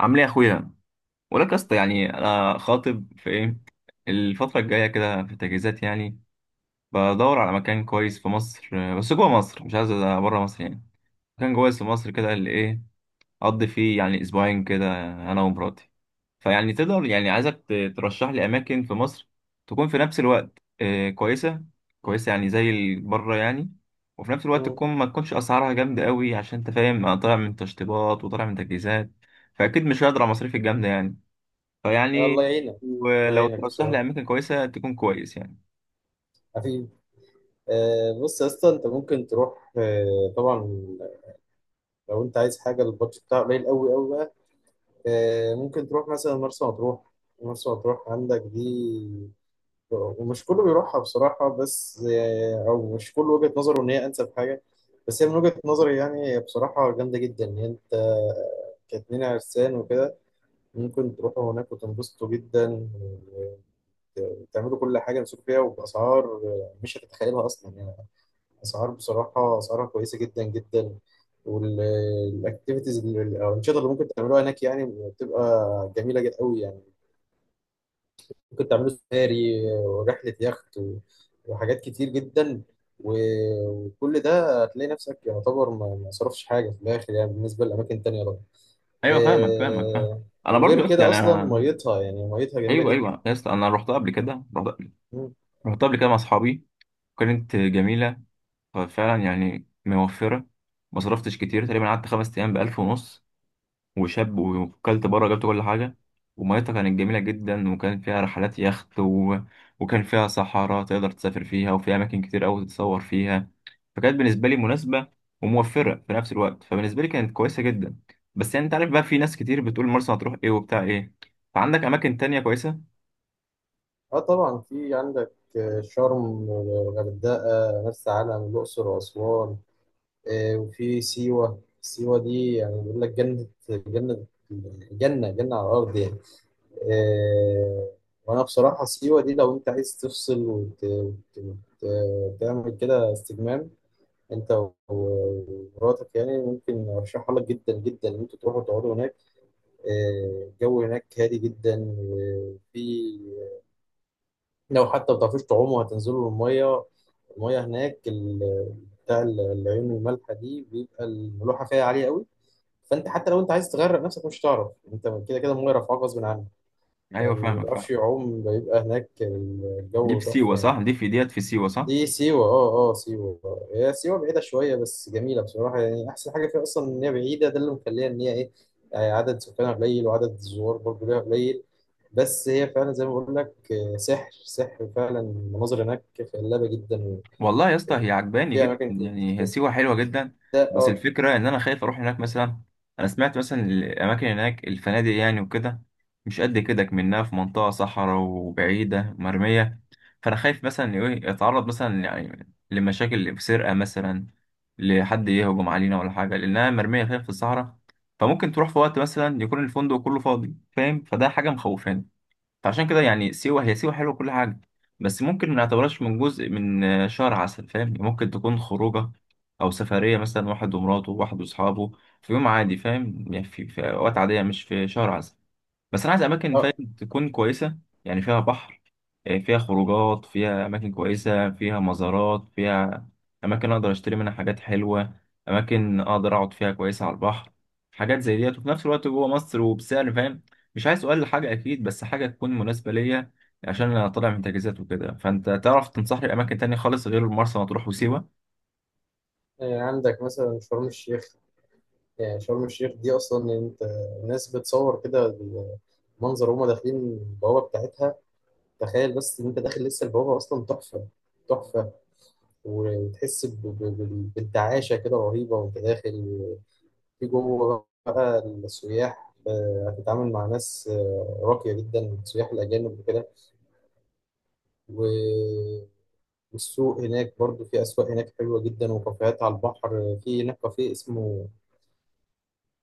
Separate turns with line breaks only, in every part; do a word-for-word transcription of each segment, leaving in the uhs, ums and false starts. عامل ايه يا اخويا؟ ولك يا اسطى، يعني انا خاطب. في ايه الفتره الجايه كده في التجهيزات يعني. بدور على مكان كويس في مصر، آه، بس جوه مصر، مش عايز بره مصر يعني. مكان كويس في مصر كده اللي ايه، اقضي فيه يعني اسبوعين كده انا ومراتي. فيعني تقدر، يعني عايزك ت- ترشح لي اماكن في مصر تكون في نفس الوقت، آه، كويسه. كويسه يعني زي ال- بره يعني، وفي نفس الوقت
مم.
تكون ما تكونش اسعارها جامده قوي، عشان انت فاهم انا طالع من تشطيبات وطالع من تجهيزات. فاكيد مش هقدر على المصاريف الجامده يعني.
الله
فيعني
يعينك. الله
ولو
يعينك
ترشح لي
بصراحة،
اماكن كويسه تكون كويس يعني.
حبيبي. آه بص يا اسطى، انت ممكن تروح، آه طبعا. لو انت عايز حاجة البادجت بتاعها قليل قوي قوي بقى، آه ممكن تروح مثلا مرسى مطروح. مرسى مطروح عندك دي، ومش كله بيروحها بصراحة، بس آه او مش كله وجهة نظره ان هي انسب حاجة. بس هي من وجهة نظري، يعني هي بصراحة جامدة جدا ان انت كاتنين عرسان وكده ممكن تروحوا هناك وتنبسطوا جدا، تعملوا كل حاجه، نسوق فيها وباسعار مش هتتخيلها اصلا يعني. اسعار، بصراحه اسعارها كويسه جدا جدا. والاكتيفيتيز، الانشطه اللي ممكن تعملوها هناك يعني بتبقى جميله جدا قوي يعني. ممكن تعملوا سفاري ورحله يخت و- وحاجات كتير جدا. و- وكل ده هتلاقي نفسك يعتبر ما ما صرفش حاجه في الاخر يعني، بالنسبه لاماكن تانية طبعا.
ايوه فاهمك فاهمك فاهم.
آه،
انا برضو
وغير
يا اسطى
كده
يعني
اصلا
انا.
ميتها، يعني ميتها جميله
ايوه
جدا.
ايوه يا اسطى، انا رحتها قبل كده. رحت قبل رحت قبل كده مع اصحابي، كانت جميله. ففعلا يعني موفره، ما صرفتش كتير، تقريبا قعدت خمس ايام بألف ونص، وشاب وكلت بره، جبت كل حاجة. وميتها كانت جميلة جدا، وكان فيها رحلات يخت و وكان فيها صحراء تقدر تسافر فيها، وفيها أماكن كتير أوي تتصور فيها. فكانت بالنسبة لي مناسبة وموفرة في نفس الوقت، فبالنسبة لي كانت كويسة جدا. بس يعني أنت عارف بقى، في ناس كتير بتقول مرسى هتروح إيه وبتاع إيه. فعندك أماكن تانية كويسة؟
اه طبعا في عندك آه، شرم، الغردقة، مرسى علم، الأقصر وأسوان. آه، وفي سيوة. سيوة دي يعني بيقول لك جنة. جنة جنة جنة على الأرض يعني. آه، وأنا بصراحة سيوة دي لو أنت عايز تفصل وت- وت- وت- وتعمل كده استجمام، أنت و- ومراتك، يعني ممكن أرشحها لك جدا جدا إن أنتوا تروحوا تقعدوا هناك. آه، الجو هناك هادي جدا، وفي، لو حتى ما بتعرفوش تعوموا هتنزلوا المية. المية هناك ال- بتاع ال- العيون المالحة دي بيبقى الملوحة فيها عالية قوي. فأنت حتى لو أنت عايز تغرق نفسك مش هتعرف. أنت كده كده المية رافعاك غصب عنك.
أيوه
فاللي ما
فاهمك
بيعرفش
فاهم.
يعوم بيبقى هناك
دي
الجو
في سيوة،
تحفة يعني.
صح؟ دي في ديت في سيوة صح؟
دي سيوة، اه اه سيوة آه. هي سيوة بعيدة شوية، بس جميلة بصراحة. يعني أحسن حاجة فيها أصلا إن هي بعيدة، ده اللي مخليها إن هي إيه، آه، عدد سكانها قليل وعدد الزوار برضه ليها قليل. بس هي فعلا زي ما بقول لك، آه، سحر، سحر فعلا المناظر هناك خلابة جدا.
والله يا اسطى هي عجباني
في
جدا،
أماكن كتير.
يعني هي سيوة حلوة جدا.
ده
بس
اه
الفكرة ان انا خايف اروح هناك مثلا. انا سمعت مثلا الاماكن هناك، الفنادق يعني وكده، مش قد كده، كمنها في منطقة صحراء وبعيدة مرمية. فانا خايف مثلا ايه اتعرض مثلا يعني لمشاكل في سرقة مثلا، لحد يهجم علينا ولا حاجة، لانها مرمية خايف في الصحراء. فممكن تروح في وقت مثلا يكون الفندق كله فاضي، فاهم؟ فده حاجة مخوفاني. فعشان كده يعني سيوة، هي سيوة حلوة كل حاجة، بس ممكن ما نعتبرهاش من جزء من، آه، شهر عسل، فاهم؟ ممكن تكون خروجة أو سفرية مثلا، واحد ومراته، واحد وأصحابه، في يوم عادي، فاهم؟ يعني في, في أوقات عادية، مش في شهر عسل. بس انا عايز اماكن،
اه.
فاهم، تكون كويسه. يعني فيها بحر، آه، فيها خروجات، فيها اماكن كويسه، فيها مزارات، فيها اماكن اقدر اشتري منها حاجات حلوه، اماكن اقدر اقعد فيها كويسه على البحر. حاجات زي ديت، وفي نفس الوقت جوه مصر وبسعر، فاهم؟ مش عايز اقل حاجه اكيد، بس حاجه تكون مناسبه ليا، عشان انا طالع من تجهيزات وكده. فانت تعرف تنصحني باماكن تانية خالص غير مرسى مطروح وسيوه؟
آه، عندك مثلا شرم الشيخ. يعني شرم الشيخ دي أصلا أنت، الناس بتصور كده المنظر وهما داخلين البوابة بتاعتها. تخيل بس إن أنت داخل لسه البوابة أصلا تحفة، تحفة. وتحس ب- ب- بال- بالتعاشة كده رهيبة وانت داخل. في جوه بقى السياح، آه، هتتعامل مع ناس آه، راقية جدا، سياح الأجانب وكده. و- والسوق هناك برضو، في أسواق هناك حلوة جدا وكافيهات على البحر. في هناك كافيه اسمه،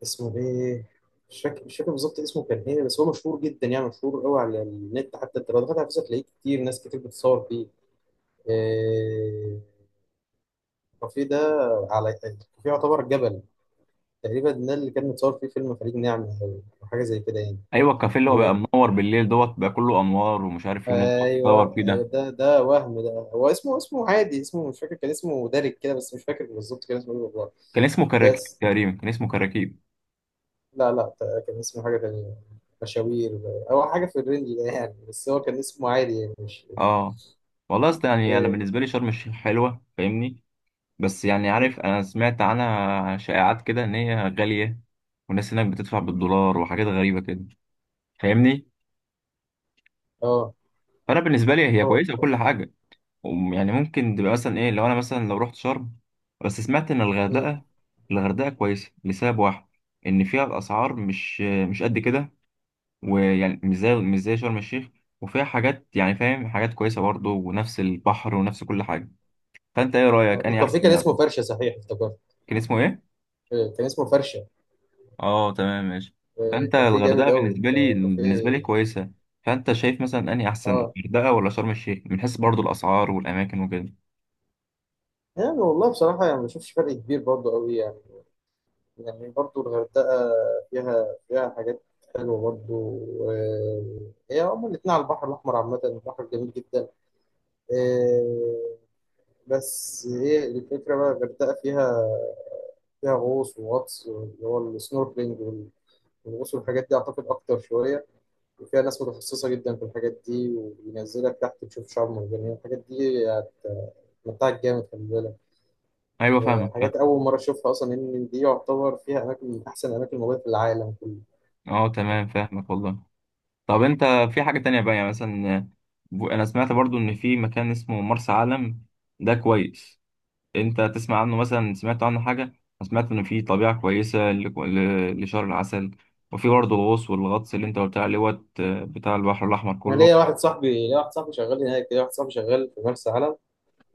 اسمه إيه، مش فاكر مش فاكر بالظبط اسمه كان إيه، بس هو مشهور جدا يعني، مشهور قوي على النت. حتى أنت لو دخلت على فيسبوك هتلاقيه كتير، ناس كتير بتصور فيه. آه، الكافيه ده، على الكافيه، يعتبر جبل تقريبا. ده اللي كان متصور فيه فيلم خليج نعمة أو أو حاجة زي كده يعني.
ايوه، الكافيه اللي هو
و...
بقى منور بالليل دوت بقى كله انوار ومش عارف ايه، وناس بتقعد تصور
أيوه
فيه
أيوه،
ده.
ده ده وهم، ده هو اسمه، اسمه عادي، اسمه مش فاكر. كان اسمه دارك كده، بس مش فاكر بالظبط كان اسمه إيه والله.
كان اسمه كراكيب
بس
تقريبا كان اسمه كراكيب،
لا لا، ت- كان اسمه حاجة تانية، مشاوير أو حاجة في الرينج ده يعني، بس هو كان اسمه عادي يعني مش
اه. والله اصل يعني انا
إيه.
بالنسبه لي شرم الشيخ حلوه، فاهمني؟ بس يعني
م.
عارف، انا سمعت عنها شائعات كده ان هي غاليه، والناس هناك بتدفع بالدولار وحاجات غريبه كده، فاهمني؟
أه
فانا بالنسبه لي هي
أه.
كويسه وكل حاجه. وم- يعني ممكن تبقى مثلا ايه، لو انا مثلا لو رحت شرم. بس سمعت ان
م.
الغردقه، الغردقه كويسه لسبب واحد، ان فيها الاسعار مش مش قد كده، ويعني مش زي، مش زي شرم الشيخ، وفيها حاجات يعني، فاهم، حاجات كويسه برضه، ونفس البحر ونفس كل حاجه. فانت ايه
آه.
رايك اني
الكافيه
احسن
كان
من
اسمه
أبوك؟
فرشة صحيح، افتكرت.
كان اسمه ايه؟
إيه، كان اسمه فرشة.
اه تمام، ماشي.
إيه،
فانت
كافيه جامد
الغردقه
أوي،
بالنسبه لي،
آه،
بالنسبه لي
كافيه
كويسه. فانت شايف مثلا اني احسن
أه.
الغردقه ولا شرم الشيخ، من حيث برضو الاسعار والاماكن وكده؟
يعني والله بصراحة يعني ما بشوفش فرق كبير برضه قوي يعني. يعني برضو الغردقة فيها، فيها حاجات حلوة برضو. آه، هي هما الاتنين على البحر الأحمر. عامة البحر جميل جدا. آه، بس هي الفكرة بقى الغردقة فيها، فيها غوص وغطس اللي هو السنوركلينج. والغوص والحاجات دي أعتقد أكتر شوية. وفيها ناس متخصصة جدا في الحاجات دي، وبينزلك تحت تشوف شعاب مرجانية. الحاجات دي هتمتعك جامد، خلي بالك.
ايوه
آه،
فاهمك فاهم.
حاجات أول مرة أشوفها أصلا، إن دي يعتبر فيها أماكن من أحسن الأماكن الموجودة في العالم كله.
اه تمام فاهمك والله. طب انت في حاجه تانية بقى، يعني مثلا، آه، انا سمعت برضو ان في مكان اسمه مرسى علم، ده كويس؟ انت تسمع عنه مثلا؟ سمعت عنه حاجة؟ انا سمعت ان في طبيعة كويسة ل- ل- لشهر العسل، وفي برضه الغوص والغطس اللي انت قلت عليه، وقت بتاع البحر الاحمر
انا
كله.
ليا واحد صاحبي، ليا واحد صاحبي شغال هناك ليا واحد صاحبي شغال في مرسى علم.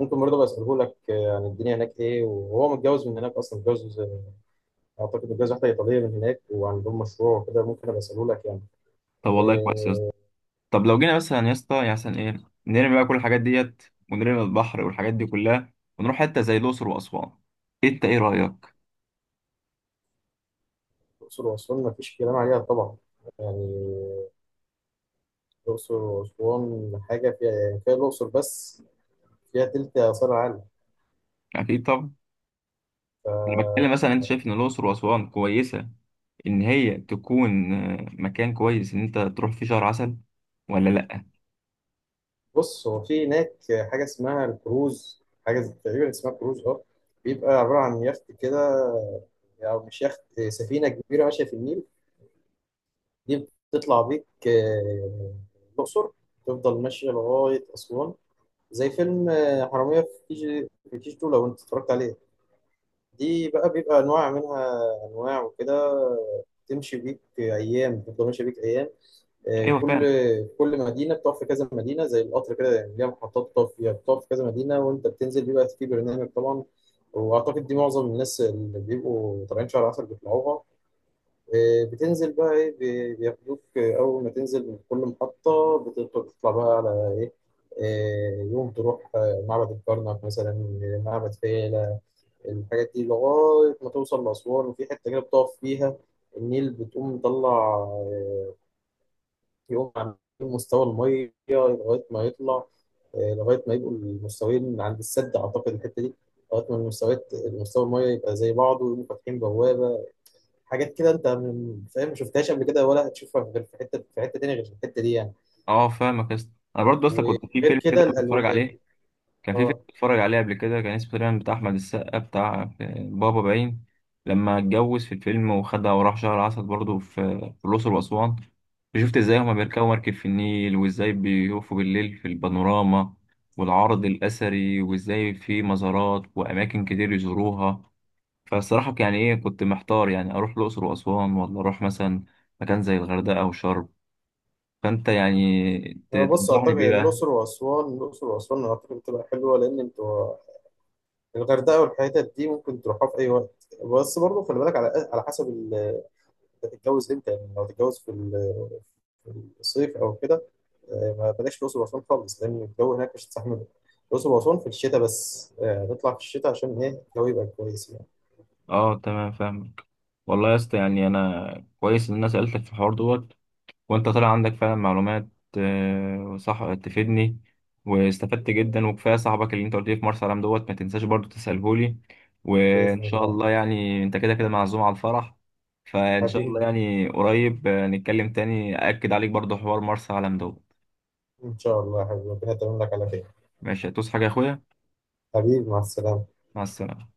ممكن برضه بساله لك آه، عن الدنيا هناك ايه. وهو متجوز من هناك اصلا، متجوز آه، اعتقد متجوز واحده ايطاليه من هناك، وعندهم مشروع وكده. ممكن ابقى اساله لك يعني.
طب والله كويس يا اسطى.
آه،
طب لو جينا مثلا يا اسطى، يعني مثلا ايه، نرمي بقى كل الحاجات ديت ونرمي البحر والحاجات دي كلها، ونروح حتة زي الاقصر واسوان، انت ايه رأيك؟
الاقصر واسوان ما فيش كلام عليها طبعا. يعني الاقصر واسوان حاجه فيها، يعني كفايه الاقصر بس فيها تلت اثار
اكيد طبعا. انا
العالم.
بتكلم مثلا، انت شايف ان الاقصر واسوان كويسة، ان هي تكون، آه، مكان كويس ان انت تروح فيه شهر عسل، ولا لا؟
بص هو في هناك حاجة اسمها الكروز. حاجة زي- تقريبا اسمها كروز، اه. بيبقى عبارة عن يخت كده، أو مش يخت، سفينة كبيرة ماشية في النيل. دي بتطلع بيك آه، يعني الأقصر، تفضل ماشية لغاية أسوان. زي فيلم آه، حرامية في كي جي، في كي جي اتنين، لو أنت اتفرجت عليه. دي بقى بيبقى أنواع منها، أنواع وكده. تمشي بيك أيام، تفضل ماشية بيك أيام. آه،
ايوه
كل
فاهم.
كل مدينه بتقف في كذا مدينه، زي القطر كده يعني. ليها محطات بتقف فيها، بتقف في كذا مدينه وانت بتنزل، بيبقى في برنامج طبعا. واعتقد دي معظم الناس اللي بيبقوا طالعين شهر عسل بيطلعوها. آه، بتنزل بقى ايه، بي- بياخدوك، آه، اول ما تنزل من كل محطه بتقدر تطلع بقى على ايه، آه، يوم تروح آه، معبد الكرنك مثلا، آه، معبد فيلة، الحاجات دي، لغاية ما توصل لأسوان. وفي حتة كده بتقف فيها النيل، بتقوم مطلع آه، يقوم عاملين مستوى الميه لغايه ما يطلع آه، لغايه ما يبقوا المستويين عند السد اعتقد، الحته دي لغايه ما المستويات، مستوى الميه يبقى زي بعضه، ويقوموا فاتحين بوابه. حاجات كده انت من- فاهم، ما شفتهاش قبل كده ولا هتشوفها غير في حته، في حته تانيه غير في الحته دي يعني.
اه فاهمك يا اسطى، انا برضه اصلا كنت في
وغير
فيلم كده
كده
بتفرج
الالو،
عليه. كان في فيلم
اه.
بتفرج عليه قبل كده، كان اسمه تقريبا بتاع احمد السقا، بتاع، آه، بابا باين. لما اتجوز في الفيلم وخدها وراح شهر عسل برضه في، في الاقصر واسوان. شفت ازاي هما بيركبوا مركب في النيل، وازاي بيقفوا بالليل في البانوراما والعرض الاثري، وازاي في مزارات واماكن كتير يزوروها. فالصراحه يعني ايه، كنت محتار يعني اروح الاقصر واسوان، ولا اروح مثلا مكان زي الغردقه او شرم. فانت يعني ت-
انا بص
تنصحني
اعتقد
بايه
يعني
بقى؟
الاقصر واسوان الاقصر واسوان أنا اعتقد بتبقى حلوه، لان انتوا الغردقه والحتت دي ممكن تروحها في اي وقت. بس برضه خلي بالك على على حسب انت هتتجوز امتى. يعني لو هتتجوز في ال- في الصيف او كده، آه، ما بلاش الاقصر واسوان خالص، لان الجو هناك مش هتستحمله. الاقصر واسوان في الشتاء بس، آه، نطلع في الشتاء عشان ايه الجو يبقى كويس يعني.
اه تمام فاهمك. والله يا اسطى يعني انا كويس ان انا سالتك في الحوار دوت وانت طلع عندك فعلا معلومات، آه، صح، تفيدني. واستفدت جدا، وكفايه صاحبك اللي انت قلت لي في مرسى علم دوت ما تنساش برضو تساله لي. وان
باذن
شاء
الله.
الله يعني انت كده كده معزوم على الفرح. فان شاء
حبيبي،
الله يعني قريب، آه، نتكلم تاني، اكد عليك برضو حوار مرسى علم دوت
ان شاء الله يا حبيبي، ربنا يتمم لك على خير.
ماشي، هتوس حاجه يا اخويا؟
حبيبي، مع السلامه.
مع السلامه.